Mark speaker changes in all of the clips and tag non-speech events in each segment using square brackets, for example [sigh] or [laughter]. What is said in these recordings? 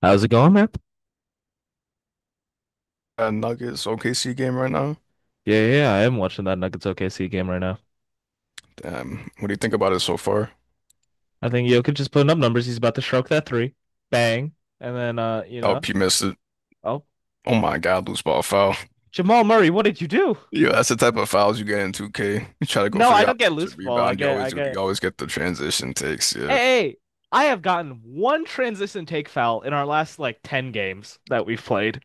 Speaker 1: How's it going, man?
Speaker 2: Nuggets OKC game right now.
Speaker 1: Yeah, yeah, yeah, I am watching that Nuggets OKC game right now.
Speaker 2: Damn, what do you think about it so far?
Speaker 1: I think Jokic just putting up numbers. He's about to stroke that three. Bang. And then
Speaker 2: Oh, LP missed it.
Speaker 1: oh,
Speaker 2: Oh my God, loose ball foul. [laughs]
Speaker 1: Jamal Murray, what did you do?
Speaker 2: Yeah, that's the type of fouls you get in 2K. You try to go
Speaker 1: No,
Speaker 2: for
Speaker 1: I
Speaker 2: the
Speaker 1: don't get
Speaker 2: offensive
Speaker 1: loose ball. I
Speaker 2: rebound. You
Speaker 1: get I
Speaker 2: always do. You
Speaker 1: get
Speaker 2: always get the transition takes.
Speaker 1: Hey,
Speaker 2: Yeah,
Speaker 1: hey, I have gotten one transition take foul in our last like 10 games that we've played.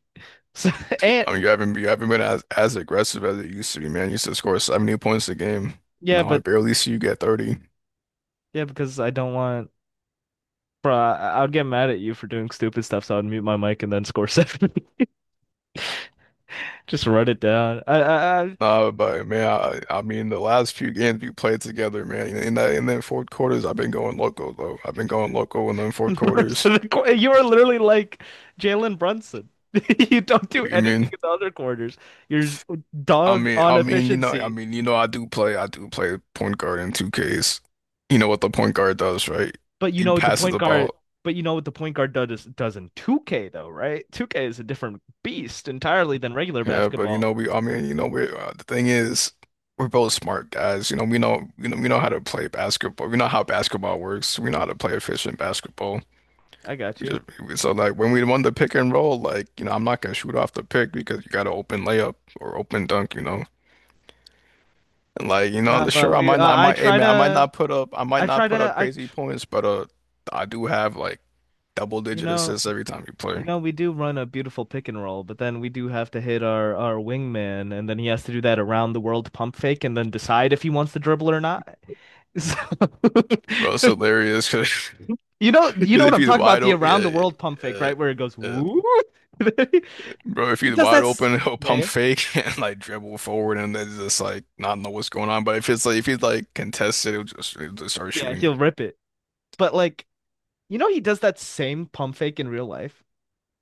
Speaker 1: So, [laughs] and
Speaker 2: I mean you haven't been as aggressive as it used to be, man. You used to score 70 points a game.
Speaker 1: yeah,
Speaker 2: Now I
Speaker 1: but
Speaker 2: barely see you get 30.
Speaker 1: yeah, because I don't want bro, I would get mad at you for doing stupid stuff, so I'd mute my mic and then score seven. [laughs] Just run it down. I
Speaker 2: But man, I mean the last few games we played together, man. In then fourth quarters, I've been going loco though. I've been going loco in them fourth
Speaker 1: And The rest
Speaker 2: quarters.
Speaker 1: of the qu- you are literally like Jalen Brunson. [laughs] You don't do
Speaker 2: What do you
Speaker 1: anything
Speaker 2: mean?
Speaker 1: in the other quarters. You're
Speaker 2: I
Speaker 1: dog
Speaker 2: mean,
Speaker 1: on
Speaker 2: I mean, you know, I
Speaker 1: efficiency.
Speaker 2: mean, you know, I do play point guard in 2Ks. You know what the point guard does, right?
Speaker 1: But you
Speaker 2: He
Speaker 1: know what the
Speaker 2: passes
Speaker 1: point
Speaker 2: the
Speaker 1: guard,
Speaker 2: ball.
Speaker 1: but you know what the point guard does in 2K though, right? 2K is a different beast entirely than regular
Speaker 2: Yeah, but you
Speaker 1: basketball.
Speaker 2: know, I mean, you know, the thing is, we're both smart guys. You know, we know, you know, we know how to play basketball. We know how basketball works. We know how to play efficient basketball.
Speaker 1: I got
Speaker 2: We
Speaker 1: you.
Speaker 2: just, so like when we won the pick and roll, like, you know, I'm not gonna shoot off the pick because you got to open layup or open dunk, you know. And like, you
Speaker 1: Nah,
Speaker 2: know,
Speaker 1: but
Speaker 2: sure, I
Speaker 1: we
Speaker 2: might not, I
Speaker 1: I
Speaker 2: might, hey
Speaker 1: try
Speaker 2: man,
Speaker 1: to
Speaker 2: I might
Speaker 1: I
Speaker 2: not
Speaker 1: try
Speaker 2: put
Speaker 1: to
Speaker 2: up
Speaker 1: I
Speaker 2: crazy
Speaker 1: tr-
Speaker 2: points, but I do have like double
Speaker 1: you
Speaker 2: digit
Speaker 1: know
Speaker 2: assists every time you
Speaker 1: you
Speaker 2: play.
Speaker 1: know we do run a beautiful pick and roll, but then we do have to hit our wingman, and then he has to do that around the world pump fake, and then decide if he wants to dribble or not. So,
Speaker 2: Bro, it's
Speaker 1: [laughs]
Speaker 2: hilarious because
Speaker 1: you know
Speaker 2: [laughs]
Speaker 1: what
Speaker 2: if
Speaker 1: I'm
Speaker 2: he's
Speaker 1: talking about,
Speaker 2: wide
Speaker 1: the
Speaker 2: open,
Speaker 1: around the world pump
Speaker 2: yeah,
Speaker 1: fake,
Speaker 2: uh,
Speaker 1: right? Where it goes,
Speaker 2: uh,
Speaker 1: woo. [laughs]
Speaker 2: bro, if
Speaker 1: He
Speaker 2: he's
Speaker 1: does
Speaker 2: wide
Speaker 1: that. S-
Speaker 2: open, [laughs] he'll pump
Speaker 1: Yeah,
Speaker 2: fake [laughs] and like dribble forward and then just like not know what's going on. But if he's like contested, he'll just start
Speaker 1: yeah,
Speaker 2: shooting.
Speaker 1: he'll rip it. But like, you know, he does that same pump fake in real life.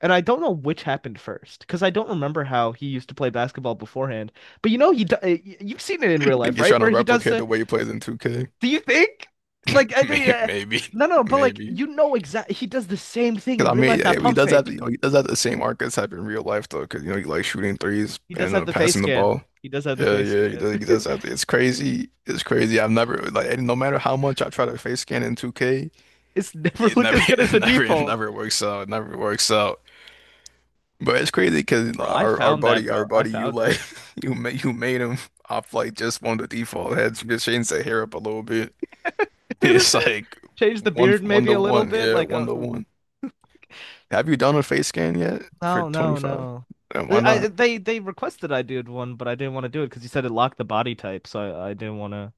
Speaker 1: And I don't know which happened first, because I don't remember how he used to play basketball beforehand. But you know, you've seen it
Speaker 2: [laughs]
Speaker 1: in
Speaker 2: I
Speaker 1: real
Speaker 2: think
Speaker 1: life,
Speaker 2: he's
Speaker 1: right?
Speaker 2: trying to
Speaker 1: Where he does
Speaker 2: replicate
Speaker 1: the.
Speaker 2: the way he plays in 2K.
Speaker 1: Do you think? Like, I did.
Speaker 2: May- [laughs] Maybe, maybe,
Speaker 1: No, no, but like,
Speaker 2: maybe.
Speaker 1: you know exactly. He does the same thing
Speaker 2: Cause
Speaker 1: in
Speaker 2: I
Speaker 1: real
Speaker 2: mean,
Speaker 1: life.
Speaker 2: yeah,
Speaker 1: That
Speaker 2: yeah, he
Speaker 1: pump
Speaker 2: does have
Speaker 1: fake.
Speaker 2: you know he does have the same arc as have in real life though, because you know he likes shooting threes
Speaker 1: He does
Speaker 2: and
Speaker 1: have the face
Speaker 2: passing the
Speaker 1: scan.
Speaker 2: ball.
Speaker 1: He does have the
Speaker 2: Yeah,
Speaker 1: face
Speaker 2: yeah,
Speaker 1: scan.
Speaker 2: he
Speaker 1: [laughs]
Speaker 2: does have it's crazy. It's crazy. I've never like And no matter how much I try to face scan in 2K,
Speaker 1: It's never [laughs]
Speaker 2: it
Speaker 1: looked
Speaker 2: never
Speaker 1: as
Speaker 2: [laughs]
Speaker 1: good as the
Speaker 2: it
Speaker 1: default.
Speaker 2: never works out. It never works out. But it's crazy because
Speaker 1: Bro, I
Speaker 2: our our
Speaker 1: found that,
Speaker 2: buddy our
Speaker 1: bro. I
Speaker 2: buddy you
Speaker 1: found
Speaker 2: like
Speaker 1: it. [laughs]
Speaker 2: [laughs] you made him off like just one of the default heads. Just change the hair up a little bit. [laughs]
Speaker 1: It was
Speaker 2: It's
Speaker 1: him.
Speaker 2: like
Speaker 1: Change the beard
Speaker 2: one
Speaker 1: maybe
Speaker 2: to
Speaker 1: a little
Speaker 2: one.
Speaker 1: bit,
Speaker 2: Yeah,
Speaker 1: like
Speaker 2: one to
Speaker 1: a
Speaker 2: one. Have you done a face scan yet for
Speaker 1: no, no,
Speaker 2: 25?
Speaker 1: no.
Speaker 2: And why
Speaker 1: I
Speaker 2: not?
Speaker 1: they requested I did one, but I didn't want to do it because you said it locked the body type, so I didn't want to.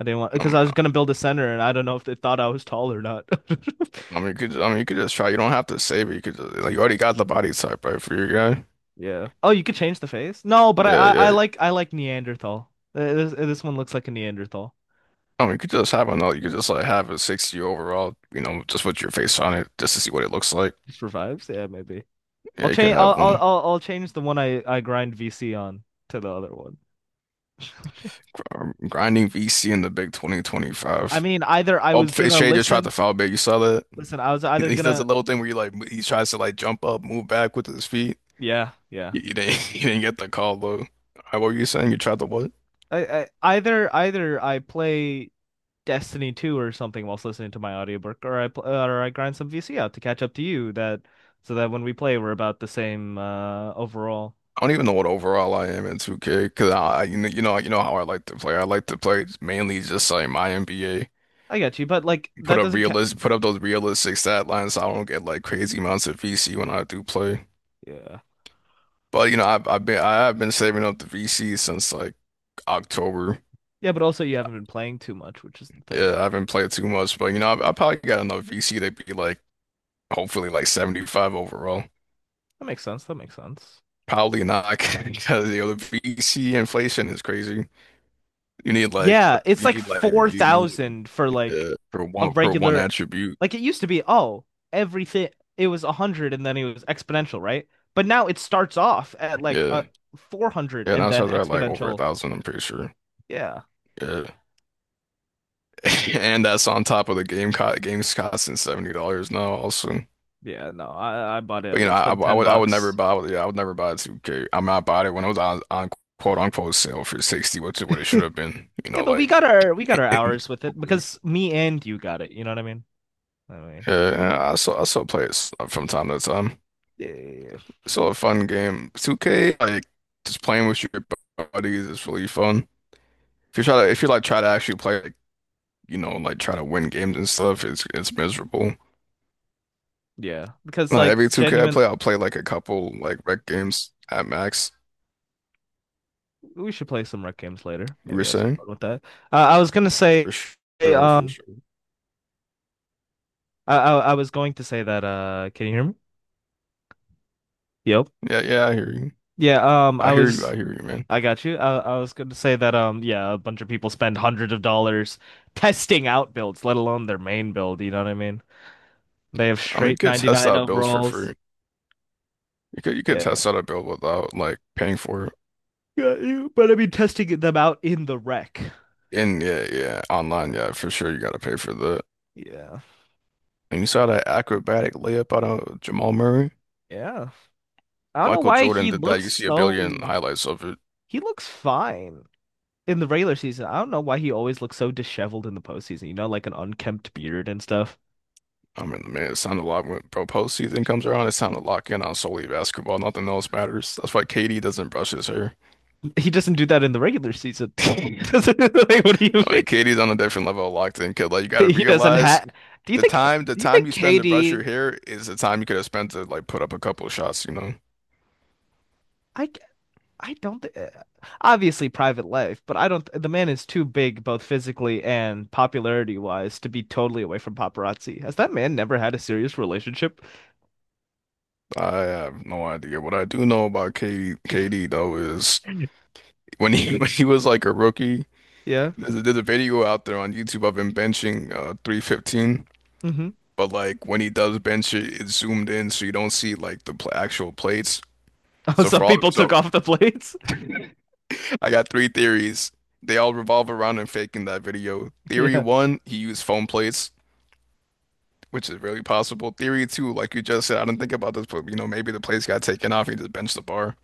Speaker 1: I didn't want because
Speaker 2: Um,
Speaker 1: I was gonna build a center, and I don't know if they thought I was tall or not. [laughs]
Speaker 2: I mean, I mean, you could just try. You don't have to save it. You could just, like, You already got the body type, right, for your guy.
Speaker 1: Yeah. Oh, you could change the face? No, but
Speaker 2: Yeah,
Speaker 1: I I, I
Speaker 2: yeah.
Speaker 1: like I like Neanderthal. This this one looks like a Neanderthal.
Speaker 2: I mean, you could just have another. You could just like have a 60 overall. You know, just with your face on it, just to see what it looks like.
Speaker 1: Just revives? Yeah, maybe.
Speaker 2: Yeah,
Speaker 1: I'll
Speaker 2: you could
Speaker 1: change. I'll
Speaker 2: have
Speaker 1: I'll
Speaker 2: one.
Speaker 1: I'll I'll change the one I grind VC on to the other one. [laughs]
Speaker 2: Grinding VC in the big
Speaker 1: I
Speaker 2: 2025.
Speaker 1: mean, either I
Speaker 2: Oh,
Speaker 1: was gonna
Speaker 2: Shay just tried to
Speaker 1: listen,
Speaker 2: foul bait. You saw that? [laughs]
Speaker 1: listen. I was either
Speaker 2: He does a
Speaker 1: gonna
Speaker 2: little thing where you like he tries to like jump up, move back with his feet.
Speaker 1: yeah, yeah.
Speaker 2: You didn't, [laughs] you didn't get the call though. What were you saying? You tried to what?
Speaker 1: I, I either I play Destiny 2 or something whilst listening to my audiobook, or I pl or I grind some VC out to catch up to you that so that when we play we're about the same overall.
Speaker 2: I don't even know what overall I am in 2K because I you know how I like to play. I like to play mainly just like my NBA.
Speaker 1: I get you, but like that doesn't ca
Speaker 2: Put up those realistic stat lines so I don't get like crazy amounts of VC when I do play.
Speaker 1: yeah,
Speaker 2: But you know I have been saving up the VC since like October.
Speaker 1: yeah. But also you haven't been playing too much, which is the thing.
Speaker 2: Yeah, I haven't played too much, but you know I probably got enough VC to be like hopefully like 75 overall.
Speaker 1: That makes sense. That makes sense.
Speaker 2: Probably not [laughs] because you know the VC inflation is crazy. You need like
Speaker 1: Yeah, it's like
Speaker 2: you need.
Speaker 1: 4,000 for like
Speaker 2: Yeah,
Speaker 1: a
Speaker 2: for one
Speaker 1: regular
Speaker 2: attribute.
Speaker 1: like it used to be everything it was 100 and then it was exponential, right? But now it starts off at like
Speaker 2: Yeah,
Speaker 1: a 400
Speaker 2: yeah.
Speaker 1: and
Speaker 2: Now
Speaker 1: then
Speaker 2: Charizard had like over a
Speaker 1: exponential.
Speaker 2: thousand. I'm pretty sure.
Speaker 1: Yeah.
Speaker 2: Yeah, [laughs] and that's on top of the game's costing $70 now. Also,
Speaker 1: Yeah, no. I bought it
Speaker 2: but
Speaker 1: at
Speaker 2: you know,
Speaker 1: less than 10
Speaker 2: I would never
Speaker 1: bucks.
Speaker 2: buy. Yeah, I would never buy 2K. I mean, I bought it when it was on quote unquote sale for 60, which is what it should
Speaker 1: [laughs]
Speaker 2: have been. You
Speaker 1: Yeah,
Speaker 2: know,
Speaker 1: but we
Speaker 2: like
Speaker 1: got our we got our
Speaker 2: [laughs] yeah.
Speaker 1: hours with it because me and you got it, you know what I mean? Anyway.
Speaker 2: And I still play it from time to time.
Speaker 1: Yeah.
Speaker 2: It's still a fun game. 2K, like just playing with your buddies is really fun. If you like try to actually play, you know, like try to win games and stuff, it's miserable.
Speaker 1: Yeah, because
Speaker 2: Like
Speaker 1: like
Speaker 2: every 2K I
Speaker 1: genuine
Speaker 2: play, I'll play like a couple like rec games at max.
Speaker 1: we should play some rec games later.
Speaker 2: You were
Speaker 1: Maybe I was
Speaker 2: saying?
Speaker 1: fun with that. I was gonna say
Speaker 2: For sure, for
Speaker 1: um
Speaker 2: sure.
Speaker 1: I was going to say that can you hear me? Yep.
Speaker 2: Yeah, yeah, I hear you.
Speaker 1: Yeah, I
Speaker 2: I hear you.
Speaker 1: was
Speaker 2: I hear you, man.
Speaker 1: I got you. I was going to say that yeah, a bunch of people spend hundreds of dollars [laughs] testing out builds, let alone their main build, you know what I mean? They have
Speaker 2: I mean, you
Speaker 1: straight
Speaker 2: could test
Speaker 1: 99
Speaker 2: out builds for
Speaker 1: overalls.
Speaker 2: free. You could
Speaker 1: Yeah.
Speaker 2: test out a build without like paying for it.
Speaker 1: Got you. But I mean testing them out in the wreck.
Speaker 2: And yeah, yeah, online,
Speaker 1: Yeah.
Speaker 2: yeah, for sure, you gotta pay for that.
Speaker 1: Yeah.
Speaker 2: And you saw that acrobatic layup out of Jamal Murray?
Speaker 1: Yeah. I don't know
Speaker 2: Michael
Speaker 1: why
Speaker 2: Jordan
Speaker 1: he
Speaker 2: did that. You
Speaker 1: looks
Speaker 2: see a billion
Speaker 1: so
Speaker 2: highlights of it.
Speaker 1: he looks fine. In the regular season, I don't know why he always looks so disheveled in the postseason, you know, like an unkempt beard and stuff.
Speaker 2: I mean, man, it sounded a lot when pro postseason comes around. It sounded to lock in on solely basketball. Nothing else matters. That's why KD doesn't brush his hair.
Speaker 1: He doesn't do that in the regular season.
Speaker 2: [laughs]
Speaker 1: [laughs]
Speaker 2: I
Speaker 1: Doesn't like, what do you
Speaker 2: mean,
Speaker 1: think?
Speaker 2: KD's on a different level of locked in kid. Like you got to
Speaker 1: He doesn't
Speaker 2: realize
Speaker 1: have. Do you think?
Speaker 2: the
Speaker 1: Do you
Speaker 2: time
Speaker 1: think
Speaker 2: you spend to brush your
Speaker 1: KD?
Speaker 2: hair is the time you could have spent to like put up a couple of shots. You know,
Speaker 1: I I don't. Obviously, private life, but I don't. The man is too big, both physically and popularity wise, to be totally away from paparazzi. Has that man never had a serious relationship?
Speaker 2: I have no idea. What I do know about
Speaker 1: [laughs]
Speaker 2: KD though is when he [laughs] when he was like a rookie,
Speaker 1: Yeah.
Speaker 2: there's a video out there on YouTube of him benching 315.
Speaker 1: hmm
Speaker 2: But like when he does bench it, it's zoomed in so you don't see like the pl actual plates.
Speaker 1: Oh, some people took
Speaker 2: So
Speaker 1: off the plates.
Speaker 2: [laughs] I got three theories. They all revolve around him faking that video. Theory
Speaker 1: Yeah.
Speaker 2: one, he used foam plates, which is really possible. Theory two, like you just said, I didn't think about this, but you know maybe the plates got taken off. He just benched the bar.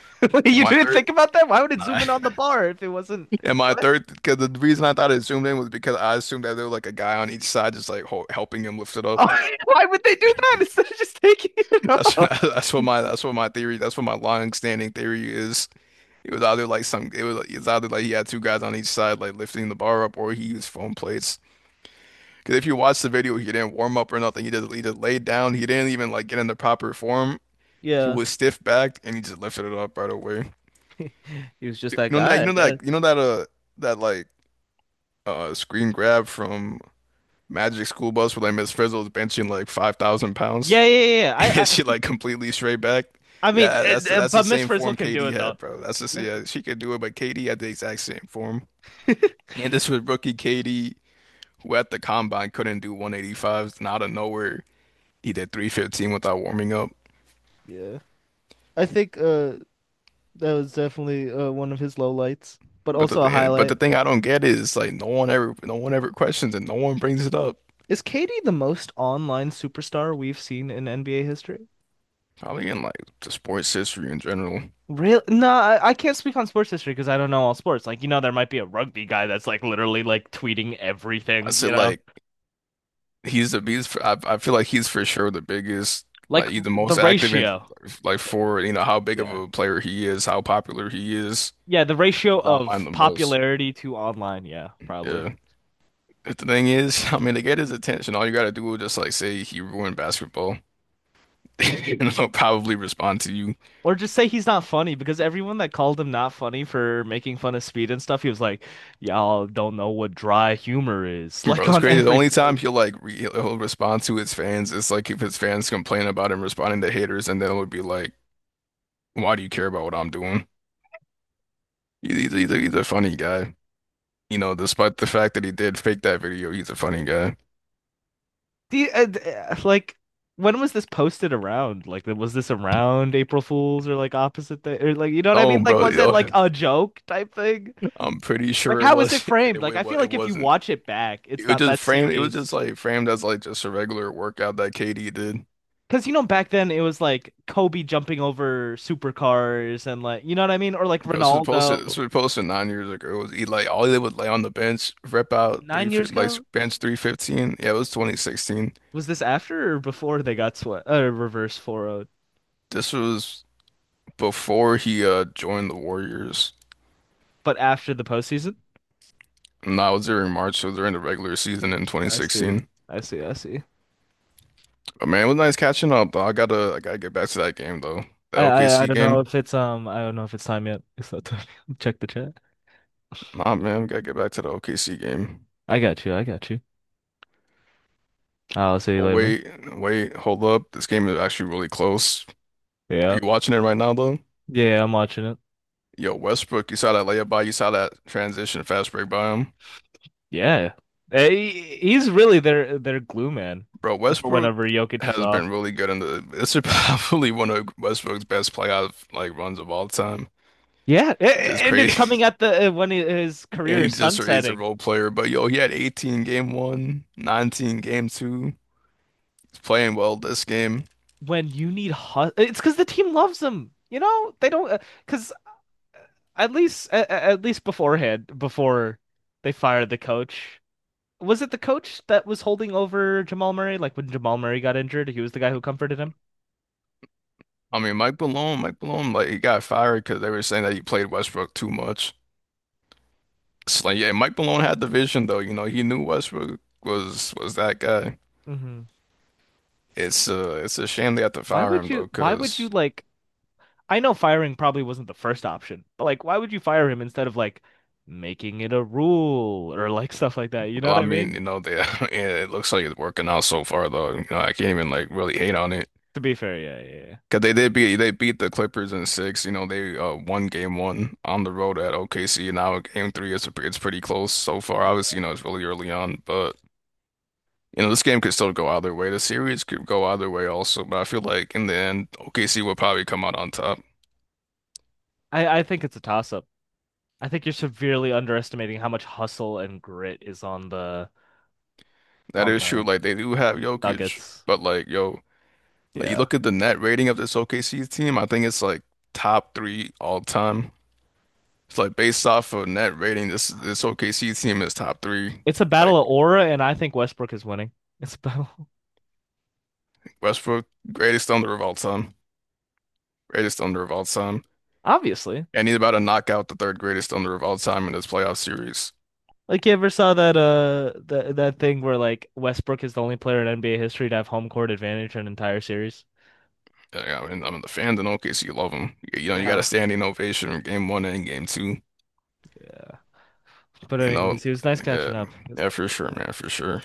Speaker 1: [laughs]
Speaker 2: And
Speaker 1: You
Speaker 2: my
Speaker 1: didn't
Speaker 2: third,
Speaker 1: think about that? Why would it
Speaker 2: Nah.
Speaker 1: zoom in on the bar if it wasn't?
Speaker 2: [laughs] And my
Speaker 1: What?
Speaker 2: third, because the reason I thought it zoomed in was because I assumed that there was like a guy on each side just like ho helping him lift it up.
Speaker 1: Oh, [laughs] why would they do that instead of just taking it [laughs]
Speaker 2: That's [laughs]
Speaker 1: off?
Speaker 2: that's what my theory. That's what my long standing theory is. It was either like some, it was, It's either like he had two guys on each side like lifting the bar up, or he used foam plates. Because if you watch the video, he didn't warm up or nothing. He just laid down. He didn't even like get into proper form. He
Speaker 1: Yeah,
Speaker 2: was stiff backed and he just lifted it up right away.
Speaker 1: he was just that guy, I guess.
Speaker 2: You know that that like screen grab from Magic School Bus where like Miss Frizzle's benching like 5,000 pounds
Speaker 1: Yeah, yeah, yeah, yeah.
Speaker 2: [laughs] and she like completely straight back.
Speaker 1: I mean,
Speaker 2: Yeah, that's the
Speaker 1: but Miss
Speaker 2: same
Speaker 1: Frizzle
Speaker 2: form
Speaker 1: can do
Speaker 2: KD
Speaker 1: it though.
Speaker 2: had, bro. That's the Yeah, she could do it, but KD had the exact same form.
Speaker 1: [laughs]
Speaker 2: And this was rookie KD, who at the combine couldn't do 185s, and out of nowhere he did 315 without warming up.
Speaker 1: Yeah. I think that was definitely one of his lowlights, but
Speaker 2: But
Speaker 1: also a
Speaker 2: the but the
Speaker 1: highlight.
Speaker 2: thing I don't get is like no one ever questions it, no one brings it up.
Speaker 1: Is KD the most online superstar we've seen in NBA history?
Speaker 2: Probably in like the sports history in general.
Speaker 1: Real? No, I can't speak on sports history because I don't know all sports. Like, you know, there might be a rugby guy that's like literally like tweeting
Speaker 2: I
Speaker 1: everything,
Speaker 2: said
Speaker 1: you know?
Speaker 2: like he's the biggest. I feel like he's for sure the biggest,
Speaker 1: Like
Speaker 2: like he's the
Speaker 1: the
Speaker 2: most active in,
Speaker 1: ratio.
Speaker 2: like, for you know how big of
Speaker 1: Yeah.
Speaker 2: a player he is, how popular he is.
Speaker 1: Yeah, the ratio
Speaker 2: He's online
Speaker 1: of
Speaker 2: the most.
Speaker 1: popularity to online. Yeah, probably.
Speaker 2: Yeah. But the thing is, [laughs] I mean, to get his attention, all you gotta do is just like say he ruined basketball, [laughs] and he'll probably respond to you.
Speaker 1: Or just say he's not funny because everyone that called him not funny for making fun of speed and stuff, he was like, y'all don't know what dry humor is, [laughs] like
Speaker 2: Bro, it's
Speaker 1: on
Speaker 2: crazy. The
Speaker 1: every
Speaker 2: only time he'll like re he'll respond to his fans is like if his fans complain about him responding to haters, and then it would be like, "Why do you care about what I'm doing?" He's a funny guy, you know. Despite the fact that he did fake that video, he's a funny guy.
Speaker 1: do you, like when was this posted around? Like was this around April Fools or like opposite day or like you know what I
Speaker 2: Oh,
Speaker 1: mean? Like
Speaker 2: bro,
Speaker 1: was it
Speaker 2: yo,
Speaker 1: like a joke type thing?
Speaker 2: [laughs] I'm pretty
Speaker 1: Like
Speaker 2: sure it
Speaker 1: how was it
Speaker 2: was [laughs]
Speaker 1: framed? Like I feel
Speaker 2: it
Speaker 1: like if you
Speaker 2: wasn't.
Speaker 1: watch it back,
Speaker 2: It
Speaker 1: it's
Speaker 2: was
Speaker 1: not
Speaker 2: just
Speaker 1: that
Speaker 2: framed. It was just
Speaker 1: serious.
Speaker 2: like framed as like just a regular workout that KD did.
Speaker 1: Because you know back then it was like Kobe jumping over supercars and like you know what I mean? Or like
Speaker 2: Bro, this was posted. This
Speaker 1: Ronaldo
Speaker 2: was posted 9 years ago. It was Eli. All they would lay on the bench, rep out
Speaker 1: 9 years ago?
Speaker 2: 315. Yeah, it was 2016.
Speaker 1: Was this after or before they got swept reverse 4 oh?
Speaker 2: This was before he joined the Warriors.
Speaker 1: But after the postseason?
Speaker 2: And that was during March, so during the regular season in twenty
Speaker 1: I see.
Speaker 2: sixteen.
Speaker 1: I see. I see.
Speaker 2: But man, it was nice catching up. Though I gotta get back to that game though. The
Speaker 1: I
Speaker 2: OKC
Speaker 1: don't know
Speaker 2: game.
Speaker 1: if it's I don't know if it's time yet. [laughs] It's not time. [laughs] Check the chat.
Speaker 2: Nah, man, we gotta get back to the OKC game.
Speaker 1: I got you. I got you. I'll see you
Speaker 2: Oh
Speaker 1: later, man.
Speaker 2: wait, wait, hold up. This game is actually really close. Are
Speaker 1: Yeah.
Speaker 2: you watching it right now though?
Speaker 1: Yeah, I'm watching it.
Speaker 2: Yo, Westbrook, you saw that transition fast break by him.
Speaker 1: Yeah. Hey, he's really their glue man
Speaker 2: Bro,
Speaker 1: for
Speaker 2: Westbrook
Speaker 1: whenever Jokic is
Speaker 2: has been
Speaker 1: off.
Speaker 2: really good in the this is [laughs] probably one of Westbrook's best playoff like runs of all time.
Speaker 1: Yeah,
Speaker 2: Just
Speaker 1: and it's
Speaker 2: crazy.
Speaker 1: coming
Speaker 2: [laughs]
Speaker 1: at the his career
Speaker 2: And
Speaker 1: is
Speaker 2: he's a
Speaker 1: sunsetting.
Speaker 2: role player. But yo, he had 18 game one, 19 game two. He's playing well this game.
Speaker 1: When you need hu it's because the team loves him. You know they don't because at least at least beforehand before they fired the coach. Was it the coach that was holding over Jamal Murray? Like when Jamal Murray got injured, he was the guy who comforted him.
Speaker 2: I mean, Mike Malone, like he got fired because they were saying that he played Westbrook too much. It's like, yeah, Mike Malone had the vision though. You know, he knew Westbrook was that guy.
Speaker 1: Mm-hmm.
Speaker 2: It's a shame they have to
Speaker 1: Why
Speaker 2: fire
Speaker 1: would
Speaker 2: him
Speaker 1: you?
Speaker 2: though,
Speaker 1: Why would you
Speaker 2: because
Speaker 1: like? I know firing probably wasn't the first option, but like, why would you fire him instead of like making it a rule or like [laughs] stuff like that? You know
Speaker 2: well,
Speaker 1: what
Speaker 2: I
Speaker 1: I
Speaker 2: mean,
Speaker 1: mean?
Speaker 2: you know, they [laughs] yeah, it looks like it's working out so far though. You know, I can't even like really hate on it
Speaker 1: To be fair, yeah, yeah, yeah.
Speaker 2: because they beat the Clippers in six. You know, they won game one on the road at OKC. Now game three is it's pretty close so far.
Speaker 1: Yeah.
Speaker 2: Obviously, you know, it's really early on, but you know, this game could still go either way. The series could go either way also, but I feel like in the end, OKC will probably come out on top.
Speaker 1: I think it's a toss up. I think you're severely underestimating how much hustle and grit is
Speaker 2: That
Speaker 1: on
Speaker 2: is true.
Speaker 1: the
Speaker 2: Like they do have Jokic,
Speaker 1: Nuggets.
Speaker 2: but like yo. Like you
Speaker 1: Yeah.
Speaker 2: look at the net rating of this OKC team, I think it's like top three all time. It's like based off of net rating, this OKC team is top three.
Speaker 1: It's a battle
Speaker 2: Like
Speaker 1: of aura, and I think Westbrook is winning. It's a battle,
Speaker 2: Westbrook, greatest thunder of all time, greatest thunder of all time,
Speaker 1: [laughs] obviously.
Speaker 2: and he's about to knock out the third greatest thunder of all time in this playoff series.
Speaker 1: Like you ever saw that that thing where like Westbrook is the only player in NBA history to have home court advantage in an entire series?
Speaker 2: And, I mean, the fans in OKC love him. You know, you got a
Speaker 1: Yeah.
Speaker 2: standing ovation in game one and game two.
Speaker 1: Yeah. But
Speaker 2: You know,
Speaker 1: anyways, he was nice
Speaker 2: yeah,
Speaker 1: catching up. It was
Speaker 2: yeah,
Speaker 1: nice
Speaker 2: for sure,
Speaker 1: catching up.
Speaker 2: man, for sure.